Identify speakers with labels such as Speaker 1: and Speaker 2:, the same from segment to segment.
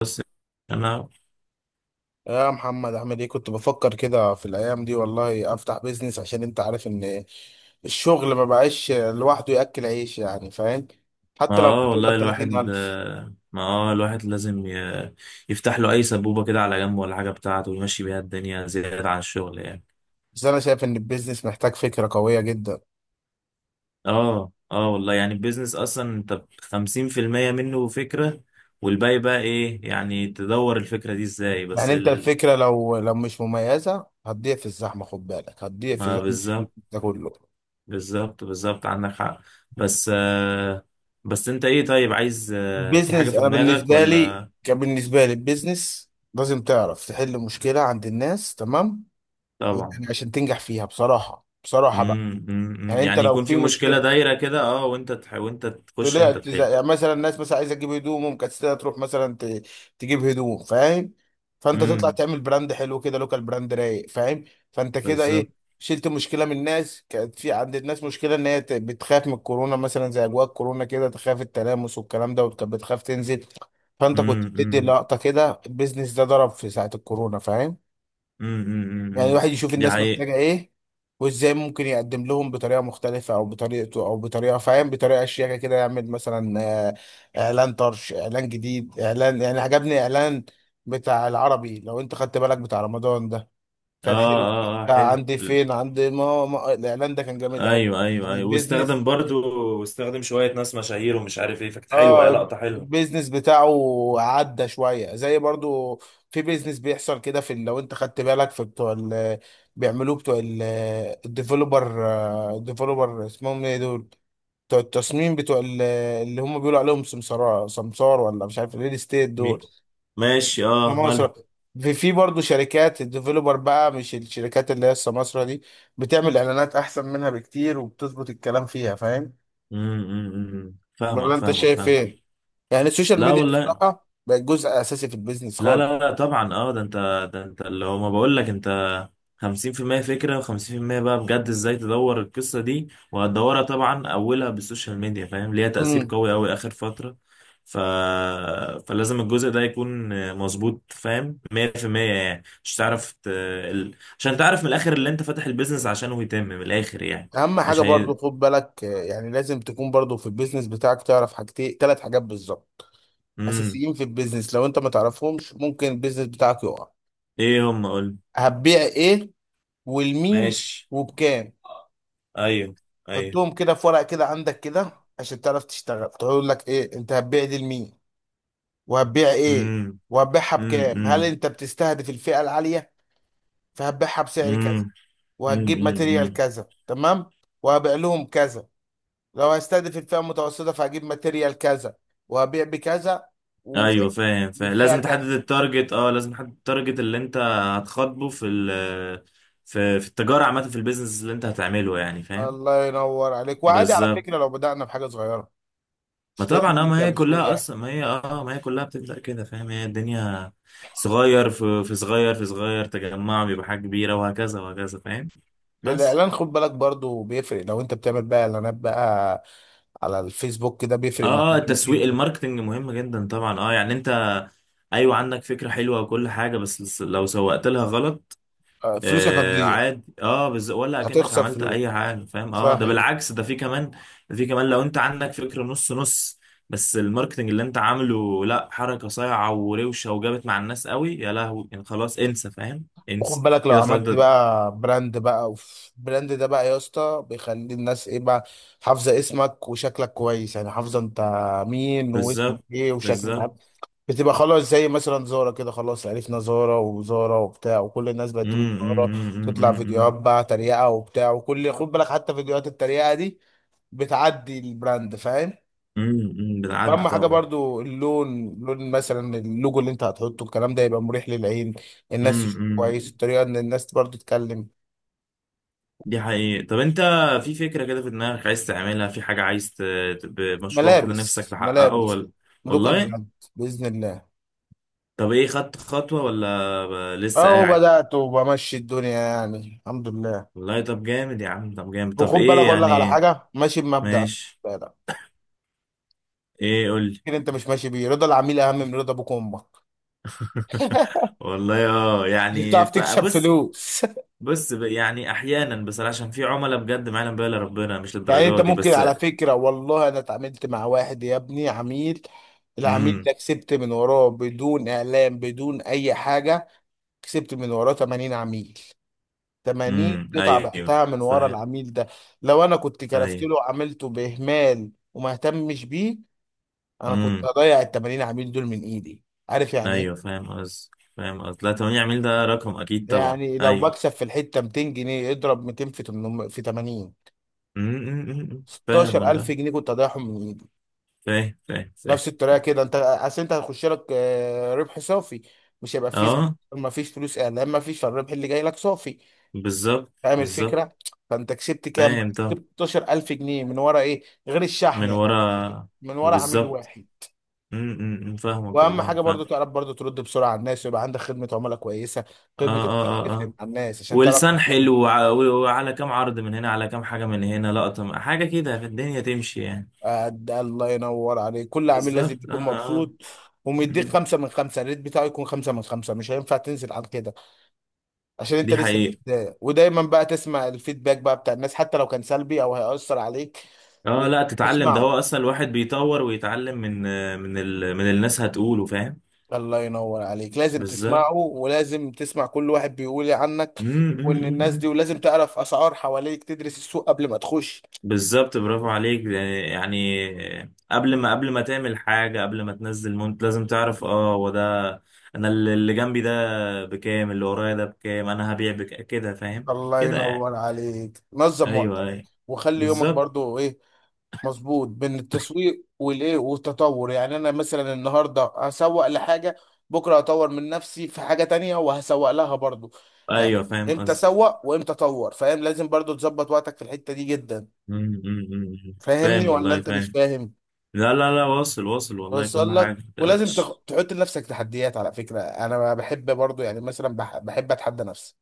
Speaker 1: بس انا
Speaker 2: يا محمد عامل ايه؟ كنت بفكر كده في الايام دي والله افتح بيزنس، عشان انت عارف ان الشغل ما بقاش لوحده ياكل عيش، يعني فاهم؟ حتى لو
Speaker 1: اه
Speaker 2: بتقبض
Speaker 1: والله الواحد
Speaker 2: 30,000.
Speaker 1: آه، ما الواحد لازم يفتح له اي سبوبه كده على جنب ولا حاجه بتاعته ويمشي بيها الدنيا زياده عن الشغل يعني.
Speaker 2: بس انا شايف ان البيزنس محتاج فكره قويه جدا.
Speaker 1: اه والله يعني البيزنس اصلا انت 50% منه فكره، والباقي بقى ايه؟ يعني تدور الفكره دي ازاي؟
Speaker 2: يعني انت الفكره لو مش مميزه هتضيع في الزحمه، خد بالك هتضيع في
Speaker 1: ما
Speaker 2: زحمه
Speaker 1: بالظبط،
Speaker 2: ده كله.
Speaker 1: بالظبط، بالظبط، عندك حق. بس آه بس انت ايه؟ طيب، عايز في حاجه
Speaker 2: البيزنس
Speaker 1: في
Speaker 2: انا،
Speaker 1: دماغك
Speaker 2: بالنسبه لي
Speaker 1: ولا؟
Speaker 2: كان، بالنسبه لي البيزنس لازم تعرف تحل مشكله عند الناس، تمام؟ يعني
Speaker 1: طبعا.
Speaker 2: عشان تنجح فيها بصراحه، بصراحه بقى. يعني انت
Speaker 1: يعني
Speaker 2: لو
Speaker 1: يكون في
Speaker 2: في
Speaker 1: مشكلة
Speaker 2: مشكله
Speaker 1: دايرة كده، وانت تخش، انت
Speaker 2: طلعت، زي
Speaker 1: تحل.
Speaker 2: يعني مثلا الناس مثلا عايزه تجيب هدوم ومكسله تروح مثلا تجيب هدوم، فاهم؟ فانت تطلع
Speaker 1: امم،
Speaker 2: تعمل براند حلو كده، لوكال براند رايق، فاهم؟ فانت كده
Speaker 1: بالظبط.
Speaker 2: ايه، شلت مشكله من الناس. كانت في عند الناس مشكله ان هي بتخاف من الكورونا مثلا، زي اجواء الكورونا كده، تخاف التلامس والكلام ده، وكانت بتخاف تنزل. فانت كنت
Speaker 1: امم،
Speaker 2: بتدي
Speaker 1: امم،
Speaker 2: لقطه كده، البيزنس ده ضرب في ساعه الكورونا، فاهم؟
Speaker 1: امم، أمم،
Speaker 2: يعني
Speaker 1: أمم.
Speaker 2: الواحد يشوف
Speaker 1: دي
Speaker 2: الناس
Speaker 1: حقيقة.
Speaker 2: محتاجة ايه، وازاي ممكن يقدم لهم بطريقة مختلفة، او بطريقته، او بطريقة، فاهم، بطريقة شياكة كده. يعمل مثلا آه، اعلان طرش، اعلان جديد، اعلان، يعني عجبني اعلان بتاع العربي، لو انت خدت بالك، بتاع رمضان ده،
Speaker 1: اه،
Speaker 2: كان حلو.
Speaker 1: اه، اه،
Speaker 2: بتاع
Speaker 1: حلو.
Speaker 2: عندي فين عندي ماما، الاعلان ده كان جامد قوي.
Speaker 1: ايوه، ايوه،
Speaker 2: يعني
Speaker 1: ايوه،
Speaker 2: بيزنس.
Speaker 1: واستخدم شوية ناس مشاهير ومش عارف ايه، فكانت حلوة، يا
Speaker 2: اه،
Speaker 1: لقطة حلوة.
Speaker 2: البيزنس بتاعه عدى شويه. زي برضو في بيزنس بيحصل كده في لو انت خدت بالك في بتوع ال بيعملوه بتوع ال- الديفلوبر الديفلوبر اسمهم ايه دول؟ بتوع التصميم، اللي هم بيقولوا عليهم سمسار، سمسار، ولا مش عارف، الريل استيت
Speaker 1: مين؟
Speaker 2: دول،
Speaker 1: ماشي، اه، ماله.
Speaker 2: سمسرة. في برضه شركات الديفلوبر بقى، مش الشركات اللي هي السمسرة دي، بتعمل اعلانات احسن منها بكتير، وبتظبط الكلام فيها، فاهم؟
Speaker 1: امم، أمم، أمم،
Speaker 2: ولا
Speaker 1: فاهمك،
Speaker 2: انت
Speaker 1: فاهمك،
Speaker 2: شايف
Speaker 1: فاهم.
Speaker 2: ايه؟ يعني السوشيال
Speaker 1: لا
Speaker 2: ميديا
Speaker 1: والله،
Speaker 2: بصراحه بقت جزء اساسي في البيزنس
Speaker 1: لا،
Speaker 2: خالص.
Speaker 1: لا، لا، طبعا، ده انت اللي هو ما بقول لك انت 50% فكرة وخمسين في المية بقى، بجد ازاي تدور القصة دي؟ وهتدورها طبعا أولها بالسوشيال ميديا، فاهم، ليها تأثير
Speaker 2: امم،
Speaker 1: قوي أوي آخر فترة. ف... فلازم الجزء ده يكون مظبوط، فاهم، 100% يعني. مش تعرف عشان تعرف من الآخر اللي أنت فاتح البيزنس عشانه يتم من الآخر يعني.
Speaker 2: اهم حاجه
Speaker 1: مش
Speaker 2: برضو
Speaker 1: هي.
Speaker 2: خد بالك، يعني لازم تكون برضو في البيزنس بتاعك تعرف حاجتين، ثلاث حاجات بالظبط
Speaker 1: مم.
Speaker 2: اساسيين في البيزنس، لو انت ما تعرفهمش ممكن البيزنس بتاعك يقع.
Speaker 1: إيه هم، قول.
Speaker 2: هتبيع ايه؟ والمين؟
Speaker 1: ماشي،
Speaker 2: وبكام؟
Speaker 1: أيوه، أيوه،
Speaker 2: حطهم كده في ورقه كده عندك، كده عشان تعرف تشتغل. تقول لك ايه، انت هتبيع دي لمين؟ وهتبيع ايه؟
Speaker 1: مم،
Speaker 2: وهتبيعها
Speaker 1: مم،
Speaker 2: بكام؟ هل
Speaker 1: مم،
Speaker 2: انت بتستهدف الفئه العاليه، فهتبيعها بسعر
Speaker 1: مم،
Speaker 2: كذا،
Speaker 1: مم،
Speaker 2: وهتجيب
Speaker 1: مم.
Speaker 2: ماتيريال كذا، تمام، وهبيع لهم كذا. لو هستهدف الفئة المتوسطة، فهجيب ماتيريال كذا، وهبيع بكذا،
Speaker 1: ايوه،
Speaker 2: وفئة،
Speaker 1: فاهم، فاهم،
Speaker 2: الفئة كذا.
Speaker 1: لازم تحدد التارجت اللي انت هتخاطبه في التجاره عامه، في البيزنس اللي انت هتعمله يعني، فاهم.
Speaker 2: الله ينور عليك. وعادي على
Speaker 1: بالظبط.
Speaker 2: فكرة لو بدأنا بحاجة صغيرة،
Speaker 1: ما
Speaker 2: مش
Speaker 1: طبعا،
Speaker 2: لازم نبدأ بسوق، يعني.
Speaker 1: ما هي كلها بتبدا كده فاهم. هي الدنيا صغير في صغير في صغير، تجمع بيبقى حاجه كبيره، وهكذا وهكذا فاهم. بس.
Speaker 2: الإعلان خد بالك برضو بيفرق، لو أنت بتعمل بقى إعلانات بقى على الفيسبوك كده بيفرق معاك
Speaker 1: اه التسويق،
Speaker 2: جدا.
Speaker 1: الماركتنج مهم جدا طبعا. اه يعني انت ايوه عندك فكره حلوه وكل حاجه، بس لو سوقت لها غلط.
Speaker 2: فلوسك
Speaker 1: آه،
Speaker 2: هتضيع،
Speaker 1: عادي، ولا اكنك
Speaker 2: هتخسر
Speaker 1: عملت اي
Speaker 2: فلوس،
Speaker 1: حاجه فاهم. اه
Speaker 2: صح
Speaker 1: ده
Speaker 2: كده.
Speaker 1: بالعكس، ده في كمان. ده في كمان لو انت عندك فكره نص نص، بس الماركتنج اللي انت عامله، لا، حركه صايعه وروشه وجابت مع الناس قوي يا لهوي يعني، خلاص انسى فاهم،
Speaker 2: وخد
Speaker 1: انسى
Speaker 2: بالك لو
Speaker 1: كده خلاص
Speaker 2: عملت بقى براند بقى، اوف، براند ده بقى يا اسطى بيخلي الناس ايه بقى، حافظه اسمك وشكلك كويس. يعني حافظه انت مين، واسمك
Speaker 1: بالظبط،
Speaker 2: ايه، وشكلك عامل
Speaker 1: بالظبط،
Speaker 2: إيه. بتبقى خلاص زي مثلا زارة كده، خلاص عرفنا زارة وزارة وبتاع، وكل الناس بقت تقول
Speaker 1: امم،
Speaker 2: زارة،
Speaker 1: امم،
Speaker 2: وتطلع فيديوهات
Speaker 1: امم،
Speaker 2: بقى تريقة وبتاع، وكل، خد بالك حتى فيديوهات التريقة دي بتعدي البراند، فاهم؟
Speaker 1: امم، بتعدي
Speaker 2: واهم حاجه
Speaker 1: طبعا.
Speaker 2: برضو اللون، لون مثلا اللوجو اللي انت هتحطه، الكلام ده يبقى مريح للعين، الناس تشوف
Speaker 1: امم،
Speaker 2: كويس. الطريقه ان الناس برضو تتكلم.
Speaker 1: دي حقيقة. طب انت في فكرة كده في دماغك، عايز تعملها، في حاجة عايز مشروع كده نفسك
Speaker 2: ملابس،
Speaker 1: تحققه
Speaker 2: ملابس
Speaker 1: ولا؟
Speaker 2: لوكال
Speaker 1: والله.
Speaker 2: براند، باذن الله.
Speaker 1: طب ايه، خدت خطوة ولا لسه
Speaker 2: اهو
Speaker 1: قاعد؟
Speaker 2: بدات وبمشي الدنيا، يعني الحمد لله.
Speaker 1: والله، طب جامد يا عم، طب جامد. طب
Speaker 2: وخد بالك
Speaker 1: ايه
Speaker 2: اقول لك على
Speaker 1: يعني؟
Speaker 2: حاجه، ماشي بمبدأ،
Speaker 1: ماشي،
Speaker 2: لا لا،
Speaker 1: ايه، قولي.
Speaker 2: كده انت مش ماشي بيه. رضا العميل اهم من رضا ابوك وامك،
Speaker 1: والله،
Speaker 2: مش
Speaker 1: يعني
Speaker 2: بتعرف تكسب
Speaker 1: فبص.
Speaker 2: فلوس.
Speaker 1: بص، يعني احيانا بصراحة، عشان في عملاء بجد ما يعلم بها الا ربنا، مش
Speaker 2: يعني انت
Speaker 1: للدرجة دي
Speaker 2: ممكن،
Speaker 1: بس.
Speaker 2: على فكرة والله انا اتعاملت مع واحد يا ابني عميل، العميل
Speaker 1: امم،
Speaker 2: ده كسبت من وراه بدون اعلان، بدون اي حاجة، كسبت من وراه 80 عميل. 80
Speaker 1: امم،
Speaker 2: قطعة
Speaker 1: ايوه،
Speaker 2: بعتها من ورا
Speaker 1: فاهم.
Speaker 2: العميل ده. لو انا كنت كرفت
Speaker 1: ايوه،
Speaker 2: له وعملته باهمال وما اهتمش بيه، انا كنت
Speaker 1: امم،
Speaker 2: هضيع ال 80 عميل دول من ايدي. عارف يعني
Speaker 1: ايوه،
Speaker 2: ايه؟
Speaker 1: فاهم قصدي. فاهم قصدي، لا 8 عميل ده رقم اكيد، طبعا،
Speaker 2: يعني لو
Speaker 1: ايوه.
Speaker 2: بكسب في الحتة 200 جنيه، اضرب 200 في 800 في 80،
Speaker 1: امم، أمم، أمم، فاهم
Speaker 2: 16000
Speaker 1: والله،
Speaker 2: جنيه كنت هضيعهم من ايدي.
Speaker 1: فاهم. فاهم، فاهم،
Speaker 2: نفس الطريقه كده انت، اصل انت هيخش لك ربح صافي، مش هيبقى فيه،
Speaker 1: اه.
Speaker 2: ما فيش فلوس اعلان، ما فيش، فالربح اللي جاي لك صافي،
Speaker 1: بالظبط،
Speaker 2: فاهم
Speaker 1: بالظبط،
Speaker 2: الفكره؟ فانت كسبت كام بقى؟
Speaker 1: فاهم طبعا،
Speaker 2: كسبت 16,000 جنيه من ورا ايه، غير الشحن
Speaker 1: من
Speaker 2: يعني،
Speaker 1: ورا،
Speaker 2: من ورا عميل
Speaker 1: بالظبط.
Speaker 2: واحد.
Speaker 1: م- م- م، فاهمك
Speaker 2: واهم
Speaker 1: والله،
Speaker 2: حاجه
Speaker 1: فاهم.
Speaker 2: برضو تعرف برضو ترد بسرعه على الناس، ويبقى عندك خدمه عملاء كويسه،
Speaker 1: اه،
Speaker 2: خدمه عملاء
Speaker 1: اه، اه،
Speaker 2: تفرق
Speaker 1: اه.
Speaker 2: مع الناس، عشان تعرف
Speaker 1: ولسان
Speaker 2: تتفاهم.
Speaker 1: حلو، وعلى كام عرض من هنا، على كام حاجة من هنا، لقطة، حاجة كده في الدنيا تمشي يعني.
Speaker 2: ده الله ينور عليك، كل عميل لازم
Speaker 1: بالظبط،
Speaker 2: يكون مبسوط، ومديك
Speaker 1: م.
Speaker 2: خمسة من خمسة، الريت بتاعه يكون خمسة من خمسة، مش هينفع تنزل عن كده، عشان انت
Speaker 1: دي
Speaker 2: لسه في
Speaker 1: حقيقة.
Speaker 2: البدايه. ودايما بقى تسمع الفيدباك بقى بتاع الناس، حتى لو كان سلبي او هيأثر عليك،
Speaker 1: اه، لا تتعلم، ده
Speaker 2: وتسمعه.
Speaker 1: هو اصلا الواحد بيطور ويتعلم من من الناس هتقوله، فاهم.
Speaker 2: الله ينور عليك، لازم
Speaker 1: بالظبط.
Speaker 2: تسمعه، ولازم تسمع كل واحد بيقول إيه عنك، وان الناس دي،
Speaker 1: م.
Speaker 2: ولازم تعرف اسعار حواليك، تدرس السوق قبل ما تخش.
Speaker 1: بالظبط، برافو عليك. يعني قبل ما تعمل حاجة، قبل ما تنزل مونت لازم تعرف، هو ده. انا اللي جنبي ده بكام، اللي ورايا ده بكام، انا هبيع بك كده فاهم
Speaker 2: الله
Speaker 1: كده يعني.
Speaker 2: ينور عليك، نظم
Speaker 1: ايوه،
Speaker 2: وقتك،
Speaker 1: ايوه،
Speaker 2: وخلي يومك
Speaker 1: بالظبط،
Speaker 2: برضو ايه، مظبوط بين التسويق والايه والتطور. يعني انا مثلا النهارده هسوق لحاجه، بكره هطور من نفسي في حاجه تانية، وهسوق لها برضو.
Speaker 1: ايوه،
Speaker 2: يعني
Speaker 1: فاهم
Speaker 2: امتى
Speaker 1: قصدي.
Speaker 2: سوق، وامتى طور، فاهم؟ لازم برضو تظبط وقتك في الحته دي جدا.
Speaker 1: أمم، أمم، أمم،
Speaker 2: فاهمني
Speaker 1: فاهم
Speaker 2: ولا
Speaker 1: والله،
Speaker 2: انت مش
Speaker 1: فاهم.
Speaker 2: فاهم؟
Speaker 1: لا، لا، لا، واصل، واصل والله، كل
Speaker 2: وصل
Speaker 1: حاجة
Speaker 2: لك، ولازم
Speaker 1: متقلقش.
Speaker 2: تحط لنفسك تحديات. على فكره انا بحب برضو، يعني مثلا بحب اتحدى نفسي.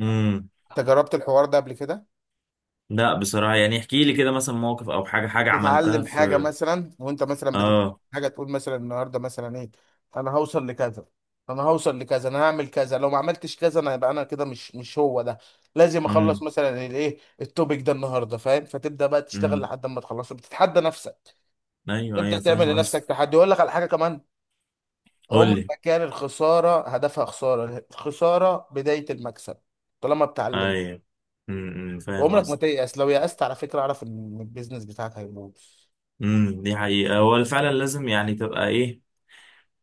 Speaker 1: امم،
Speaker 2: انت جربت الحوار ده قبل كده؟
Speaker 1: لا بصراحة، يعني احكي لي كده، مثلا موقف او حاجة عملتها
Speaker 2: تتعلم حاجه
Speaker 1: في.
Speaker 2: مثلا، وانت مثلا بتتعلم
Speaker 1: اه،
Speaker 2: حاجه تقول مثلا النهارده مثلا ايه، انا هوصل لكذا، انا هوصل لكذا، انا هعمل كذا، لو ما عملتش كذا انا، يبقى انا كده مش هو ده. لازم اخلص
Speaker 1: امم،
Speaker 2: مثلا الايه، التوبيك ده النهارده، فاهم؟ فتبدا بقى تشتغل
Speaker 1: امم،
Speaker 2: لحد ما تخلصه، بتتحدى نفسك،
Speaker 1: ايوه،
Speaker 2: تبدا
Speaker 1: ايوه،
Speaker 2: تعمل
Speaker 1: فاهم
Speaker 2: لنفسك
Speaker 1: قصدي.
Speaker 2: تحدي. اقول لك على حاجه كمان،
Speaker 1: قول
Speaker 2: عمر
Speaker 1: لي،
Speaker 2: ما كان الخساره هدفها خساره، الخساره بدايه المكسب، طالما بتعلم.
Speaker 1: ايوه. امم، أمم، فاهم
Speaker 2: وعمرك ما
Speaker 1: قصدي.
Speaker 2: تيأس. لو يأست على فكره اعرف ان البيزنس بتاعك هيبوظ.
Speaker 1: امم، دي حقيقة، هو فعلا لازم يعني تبقى ايه،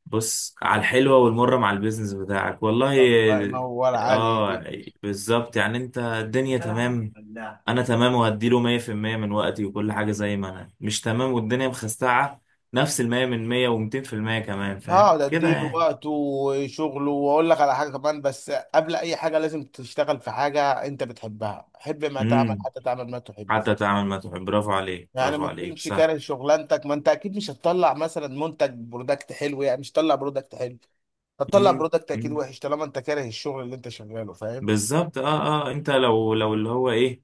Speaker 1: بص على الحلوة والمرة مع البيزنس بتاعك والله.
Speaker 2: الله ينور
Speaker 1: اه،
Speaker 2: عليك.
Speaker 1: بالظبط يعني. انت الدنيا
Speaker 2: ألعب
Speaker 1: تمام،
Speaker 2: لا،
Speaker 1: انا تمام وهديله 100% من وقتي وكل حاجة. زي ما انا مش تمام والدنيا مخستعة، نفس المية من مية ومتين في المية كمان، فاهم
Speaker 2: هقعد
Speaker 1: كده
Speaker 2: اديله
Speaker 1: يعني.
Speaker 2: وقته وشغله. واقول لك على حاجه كمان، بس قبل اي حاجه لازم تشتغل في حاجه انت بتحبها. حب ما تعمل،
Speaker 1: امم،
Speaker 2: حتى تعمل ما تحب.
Speaker 1: حتى تعمل ما تحب، برافو عليك،
Speaker 2: يعني
Speaker 1: برافو
Speaker 2: ما
Speaker 1: عليك،
Speaker 2: تكونش
Speaker 1: صح.
Speaker 2: كاره شغلانتك، ما انت اكيد مش هتطلع مثلا منتج، برودكت حلو، يعني مش هتطلع برودكت حلو، هتطلع
Speaker 1: امم،
Speaker 2: برودكت اكيد
Speaker 1: أمم.
Speaker 2: وحش طالما انت كاره الشغل اللي انت شغاله، فاهم؟
Speaker 1: بالظبط، انت لو اللي هو ايه،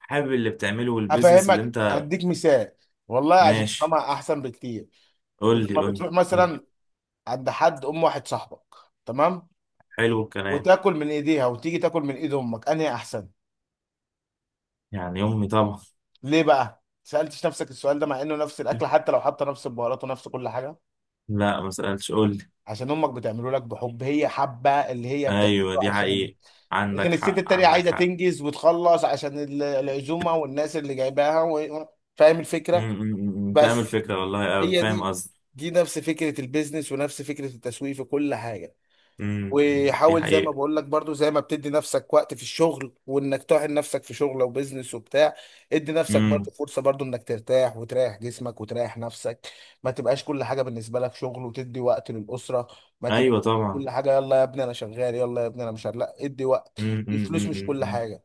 Speaker 1: حابب اللي بتعمله، والبيزنس اللي
Speaker 2: هفهمك،
Speaker 1: انت.
Speaker 2: هديك مثال والله عشان
Speaker 1: ماشي،
Speaker 2: تفهمها احسن بكتير.
Speaker 1: قول لي،
Speaker 2: لما
Speaker 1: قول لي،
Speaker 2: بتروح
Speaker 1: قول لي.
Speaker 2: مثلا عند حد، ام واحد صاحبك، تمام،
Speaker 1: حلو الكلام.
Speaker 2: وتاكل من ايديها، وتيجي تاكل من ايد امك، انهي احسن؟
Speaker 1: يعني امي طبعا.
Speaker 2: ليه بقى سالتش نفسك السؤال ده، مع انه نفس الاكل، حتى لو حاطه نفس البهارات ونفس كل حاجه؟
Speaker 1: لا، ما سألتش، قول لي.
Speaker 2: عشان امك بتعمله لك بحب، هي حابه اللي هي بتعمله
Speaker 1: ايوه، دي
Speaker 2: عشانك.
Speaker 1: حقيقة،
Speaker 2: لكن
Speaker 1: عندك
Speaker 2: الست
Speaker 1: حق،
Speaker 2: التانية
Speaker 1: عندك
Speaker 2: عايزه
Speaker 1: حق.
Speaker 2: تنجز وتخلص عشان العزومه والناس اللي جايباها و، فاهم الفكره؟
Speaker 1: فاهم
Speaker 2: بس،
Speaker 1: الفكرة والله قوي،
Speaker 2: هي
Speaker 1: فاهم
Speaker 2: دي،
Speaker 1: قصدي.
Speaker 2: دي نفس فكره البيزنس، ونفس فكره التسويق في كل حاجه.
Speaker 1: م- دي
Speaker 2: وحاول، زي ما
Speaker 1: حقيقة.
Speaker 2: بقول لك برضو، زي ما بتدي نفسك وقت في الشغل، وانك طاحن نفسك في شغل او بيزنس وبتاع، ادي نفسك
Speaker 1: م-
Speaker 2: برضو فرصة برضو انك ترتاح، وتريح جسمك، وتريح نفسك. ما تبقاش كل حاجة بالنسبة لك شغل، وتدي وقت للأسرة، ما تبقى
Speaker 1: ايوه طبعا.
Speaker 2: كل حاجة يلا يا ابني انا شغال، يلا يا ابني انا مش شغال. لا، ادي وقت. الفلوس مش كل
Speaker 1: م.
Speaker 2: حاجة،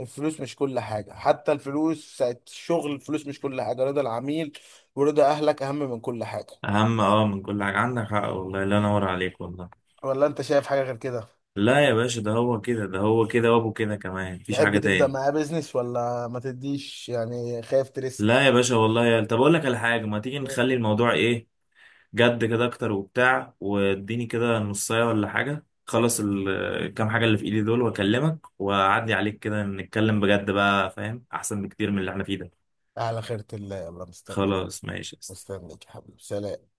Speaker 2: الفلوس مش كل حاجة، حتى الفلوس ساعة الشغل، الفلوس مش كل حاجة، رضا العميل، ورضا أهلك، أهم من كل حاجة.
Speaker 1: اهم من كل حاجة، عندك حق والله، لا نور عليك والله.
Speaker 2: ولا أنت شايف حاجة غير كده؟
Speaker 1: لا يا باشا، ده هو كده، ده هو كده وابو كده كمان، مفيش
Speaker 2: تحب
Speaker 1: حاجة
Speaker 2: تبدأ
Speaker 1: تاني.
Speaker 2: معاه بيزنس، ولا ما تديش، يعني خايف
Speaker 1: لا
Speaker 2: تريسك؟
Speaker 1: يا باشا والله يا، طب اقول لك على حاجة، ما تيجي
Speaker 2: مم.
Speaker 1: نخلي الموضوع ايه جد كده اكتر وبتاع، واديني كده نصايه ولا حاجه، خلص الكام حاجه اللي في ايدي دول واكلمك واعدي عليك كده نتكلم بجد بقى، فاهم احسن بكتير من اللي احنا فيه ده.
Speaker 2: على خيرة الله، يلا مستنيك.
Speaker 1: خلاص، ماشي يا أسطى.
Speaker 2: مستنيك يا حبيبي، سلام.